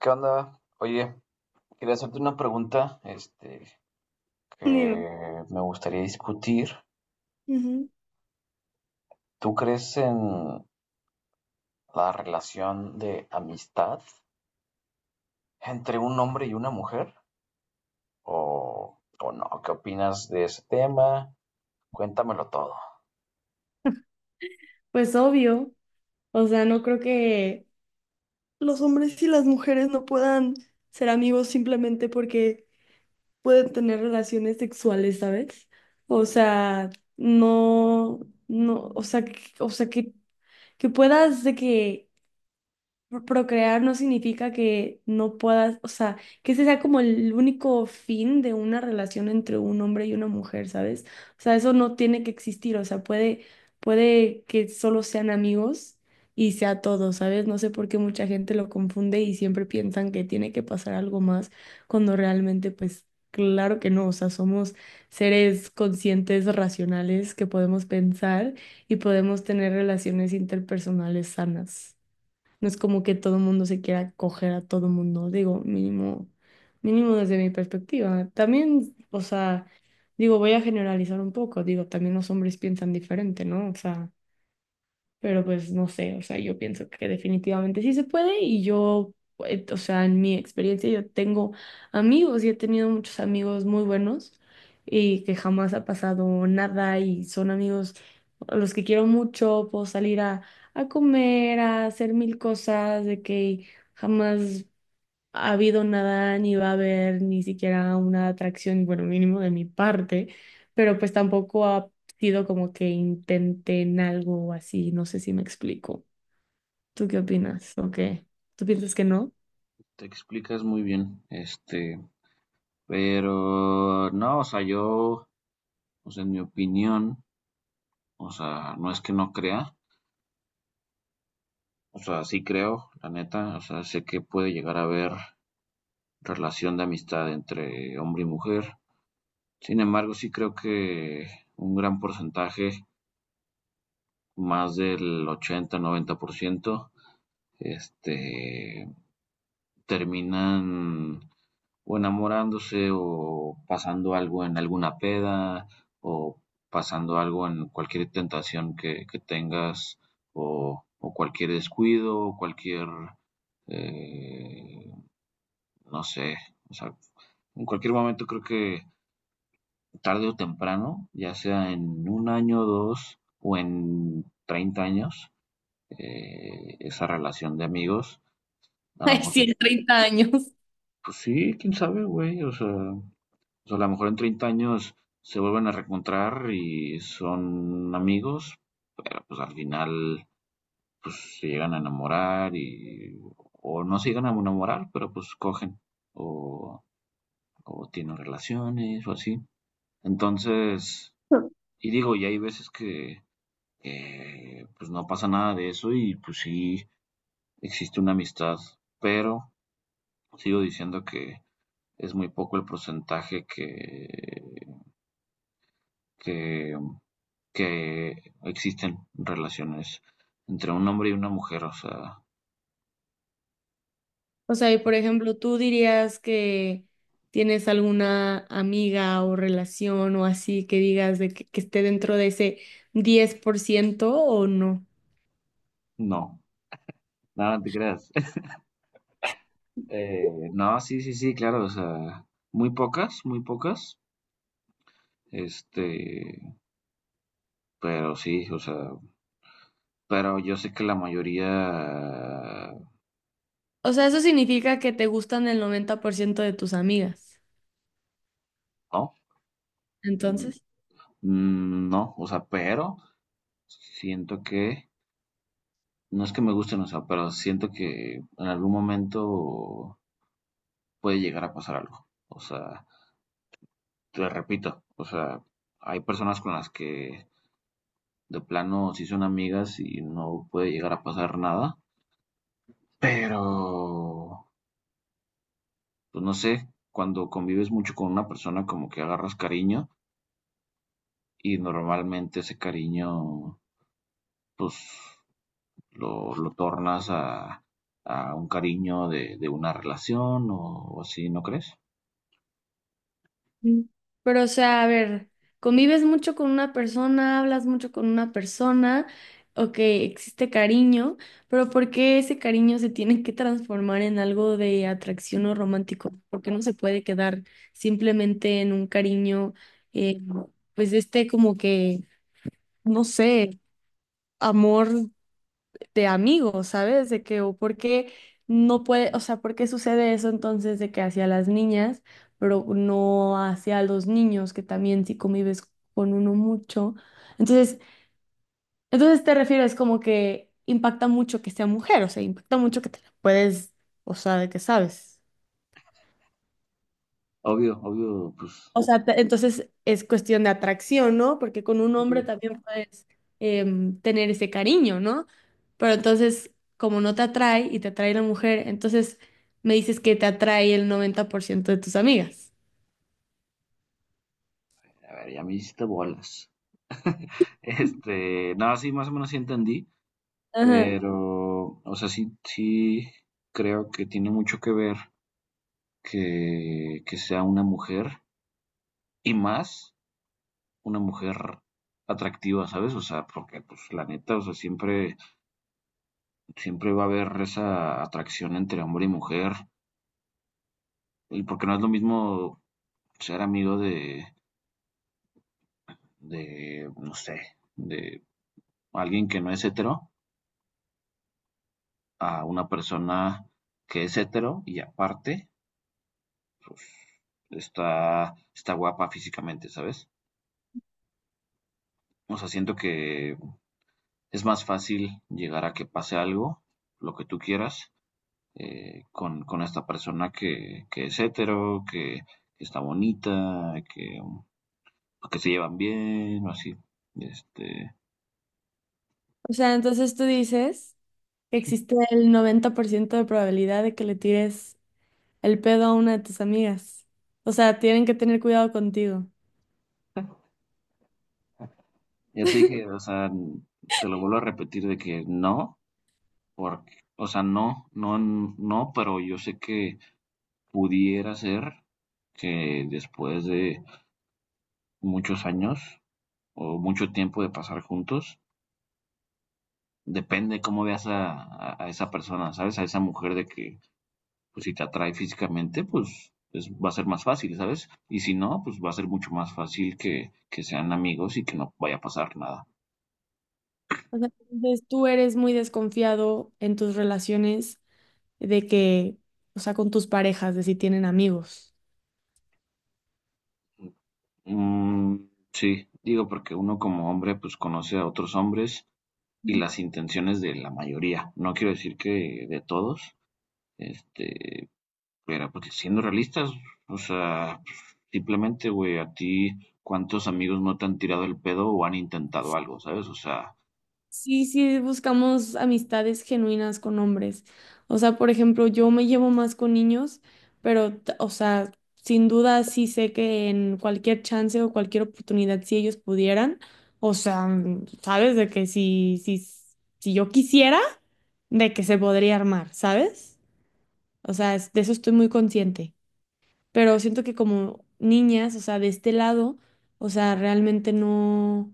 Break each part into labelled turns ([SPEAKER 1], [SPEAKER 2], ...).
[SPEAKER 1] ¿Qué onda? Oye, quería hacerte una pregunta,
[SPEAKER 2] Dime.
[SPEAKER 1] que me gustaría discutir.
[SPEAKER 2] Ujú.
[SPEAKER 1] ¿Tú crees en la relación de amistad entre un hombre y una mujer? ¿O no? ¿Qué opinas de ese tema? Cuéntamelo todo.
[SPEAKER 2] Pues obvio, o sea, no creo que... Los hombres y las mujeres no puedan ser amigos simplemente porque pueden tener relaciones sexuales, ¿sabes? O sea, no, no, o sea, o sea que puedas de que procrear no significa que no puedas, o sea, que ese sea como el único fin de una relación entre un hombre y una mujer, ¿sabes? O sea, eso no tiene que existir, o sea, puede que solo sean amigos y sea todo, ¿sabes? No sé por qué mucha gente lo confunde y siempre piensan que tiene que pasar algo más cuando realmente, pues, claro que no, o sea, somos seres conscientes, racionales, que podemos pensar y podemos tener relaciones interpersonales sanas. No es como que todo el mundo se quiera coger a todo el mundo, digo, mínimo, mínimo desde mi perspectiva. También, o sea, digo, voy a generalizar un poco, digo, también los hombres piensan diferente, ¿no? O sea, pero pues no sé, o sea, yo pienso que definitivamente sí se puede y yo, o sea, en mi experiencia yo tengo amigos y he tenido muchos amigos muy buenos y que jamás ha pasado nada y son amigos a los que quiero mucho, puedo salir a comer, a hacer mil cosas, de que jamás ha habido nada, ni va a haber ni siquiera una atracción, bueno, mínimo de mi parte, pero pues tampoco ha sido como que intenten algo así, no sé si me explico. ¿Tú qué opinas? ¿O qué? ¿Tú piensas que no?
[SPEAKER 1] Te explicas muy bien, pero no, o sea, yo, o sea, en mi opinión, o sea, no es que no crea, o sea, sí creo, la neta, o sea, sé que puede llegar a haber relación de amistad entre hombre y mujer. Sin embargo, sí creo que un gran porcentaje, más del 80-90%, este, terminan o enamorándose o pasando algo en alguna peda o pasando algo en cualquier tentación que tengas o cualquier descuido o cualquier, eh, no sé, o sea, en cualquier momento creo que tarde o temprano, ya sea en un año, o dos o en 30 años, esa relación de amigos. A lo
[SPEAKER 2] Ay,
[SPEAKER 1] mejor,
[SPEAKER 2] sí, en
[SPEAKER 1] pues
[SPEAKER 2] 30 años.
[SPEAKER 1] sí, quién sabe, güey. O sea, a lo mejor en 30 años se vuelven a reencontrar y son amigos, pero pues al final pues se llegan a enamorar y o no se llegan a enamorar, pero pues cogen o, o tienen relaciones o así. Entonces, y digo, y hay veces que pues no pasa nada de eso y pues sí existe una amistad, pero sigo diciendo que es muy poco el porcentaje que, que existen relaciones entre un hombre y una mujer, o sea,
[SPEAKER 2] O sea, y por ejemplo, ¿tú dirías que tienes alguna amiga o relación o así que digas de que esté dentro de ese 10% o no?
[SPEAKER 1] no, nada, no te creas. No, sí, sí, sí, claro, o sea, muy pocas, este, pero sí, o sea, pero yo sé que la mayoría
[SPEAKER 2] O sea, eso significa que te gustan el 90% de tus amigas.
[SPEAKER 1] no,
[SPEAKER 2] Entonces.
[SPEAKER 1] Mm, no, o sea, pero siento que, no es que me gusten, o sea, pero siento que en algún momento puede llegar a pasar algo. O sea, te repito, o sea, hay personas con las que de plano sí son amigas y no puede llegar a pasar nada, pero, pues no sé, cuando convives mucho con una persona como que agarras cariño y normalmente ese cariño, pues lo tornas a un cariño de una relación o así, ¿no crees?
[SPEAKER 2] Mm. Pero, o sea, a ver, convives mucho con una persona, hablas mucho con una persona, ok, existe cariño, pero ¿por qué ese cariño se tiene que transformar en algo de atracción o romántico? ¿Por qué no se puede quedar simplemente en un cariño, eh, pues este como que, no sé, ¿amor? De amigos, ¿sabes? De que, o por qué no puede, o sea, por qué sucede eso entonces de que hacia las niñas, pero no hacia los niños, que también si convives con uno mucho. Entonces, entonces te refieres como que impacta mucho que sea mujer, o sea, impacta mucho que te la puedes, o sea, de que sabes.
[SPEAKER 1] Obvio, obvio, pues,
[SPEAKER 2] O sea, entonces es cuestión de atracción, ¿no? Porque con un hombre
[SPEAKER 1] obvio.
[SPEAKER 2] también puedes tener ese cariño, ¿no? Pero entonces, como no te atrae y te atrae la mujer, entonces me dices que te atrae el 90% de tus amigas.
[SPEAKER 1] A ver, ya me hiciste bolas. Nada, sí, más o menos sí entendí,
[SPEAKER 2] Ajá.
[SPEAKER 1] pero, o sea, sí, sí creo que tiene mucho que ver que sea una mujer y más una mujer atractiva, ¿sabes? O sea, porque, pues, la neta, o sea, siempre va a haber esa atracción entre hombre y mujer, y porque no es lo mismo ser amigo no sé, de alguien que no es hetero a una persona que es hetero y aparte pues, está guapa físicamente, ¿sabes? O sea, siento que es más fácil llegar a que pase algo, lo que tú quieras, con esta persona que es hetero, que está bonita, que los que se llevan bien o así. Este,
[SPEAKER 2] O sea, entonces tú dices que existe el 90% de probabilidad de que le tires el pedo a una de tus amigas. O sea, tienen que tener cuidado contigo.
[SPEAKER 1] ya te dije, o sea, te lo vuelvo a repetir de que no, porque, o sea, no, no, no, pero yo sé que pudiera ser que después de muchos años o mucho tiempo de pasar juntos, depende cómo veas a esa persona, ¿sabes? A esa mujer de que, pues si te atrae físicamente, pues es, va a ser más fácil, ¿sabes? Y si no, pues va a ser mucho más fácil que sean amigos y que no vaya a pasar nada.
[SPEAKER 2] O sea, entonces tú eres muy desconfiado en tus relaciones de que, o sea, con tus parejas, de si tienen amigos.
[SPEAKER 1] Mm, sí, digo porque uno como hombre pues conoce a otros hombres y las intenciones de la mayoría. No quiero decir que de todos, este, pero porque siendo realistas, o sea, pues, simplemente, güey, a ti cuántos amigos no te han tirado el pedo o han intentado algo, ¿sabes? O sea,
[SPEAKER 2] Sí, sí, buscamos amistades genuinas con hombres. O sea, por ejemplo, yo me llevo más con niños, pero, o sea, sin duda sí sé que en cualquier chance o cualquier oportunidad, si ellos pudieran, o sea, mm, sabes de que si, si, si yo quisiera, de que se podría armar, ¿sabes? O sea, de eso estoy muy consciente. Pero siento que como niñas, o sea, de este lado, o sea, realmente no,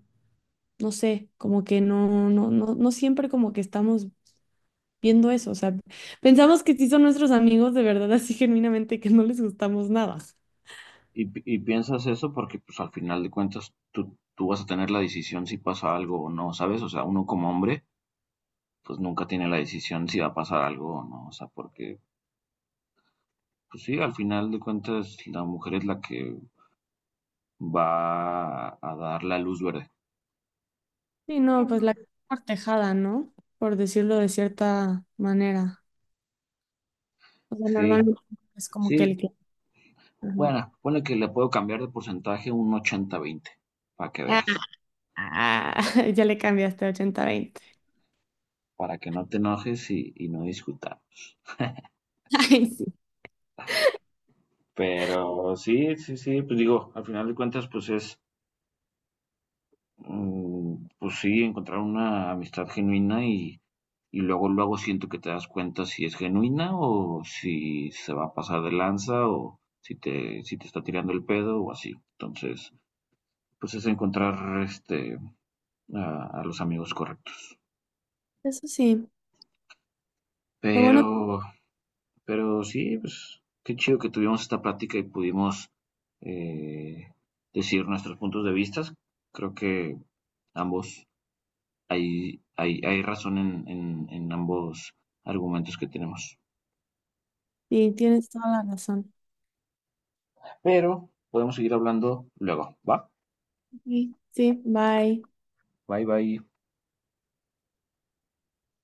[SPEAKER 2] no sé, como que no, no, no, no siempre como que estamos viendo eso, o sea, pensamos que sí son nuestros amigos de verdad, así genuinamente que no les gustamos nada.
[SPEAKER 1] y, y piensas eso porque pues al final de cuentas tú vas a tener la decisión si pasa algo o no, ¿sabes? O sea, uno como hombre pues nunca tiene la decisión si va a pasar algo o no, o sea, porque pues sí, al final de cuentas la mujer es la que va a dar la luz verde.
[SPEAKER 2] Sí, no, pues la cortejada, ¿no? Por decirlo de cierta manera. O sea,
[SPEAKER 1] Sí,
[SPEAKER 2] normalmente es como que
[SPEAKER 1] sí,
[SPEAKER 2] el que... Ajá.
[SPEAKER 1] bueno, ponle que le puedo cambiar de porcentaje un 80-20, para que veas,
[SPEAKER 2] Ah, ya le cambiaste a 80-20.
[SPEAKER 1] para que no te enojes y no discutamos.
[SPEAKER 2] Ay, sí.
[SPEAKER 1] Pero sí, sí, sí, pues digo, al final de cuentas, pues es, Mm, pues sí, encontrar una amistad genuina y, luego, luego siento que te das cuenta si es genuina o si se va a pasar de lanza o si te, si te está tirando el pedo o así. Entonces, pues es encontrar a los amigos correctos.
[SPEAKER 2] Eso sí. Lo bueno,
[SPEAKER 1] Pero, pero sí, pues qué chido que tuvimos esta plática y pudimos eh, decir nuestros puntos de vista. Creo que ambos hay razón en ambos argumentos que tenemos.
[SPEAKER 2] sí, tienes toda la razón.
[SPEAKER 1] Pero podemos seguir hablando luego, ¿va?
[SPEAKER 2] Sí, sí, bye.
[SPEAKER 1] Bye bye.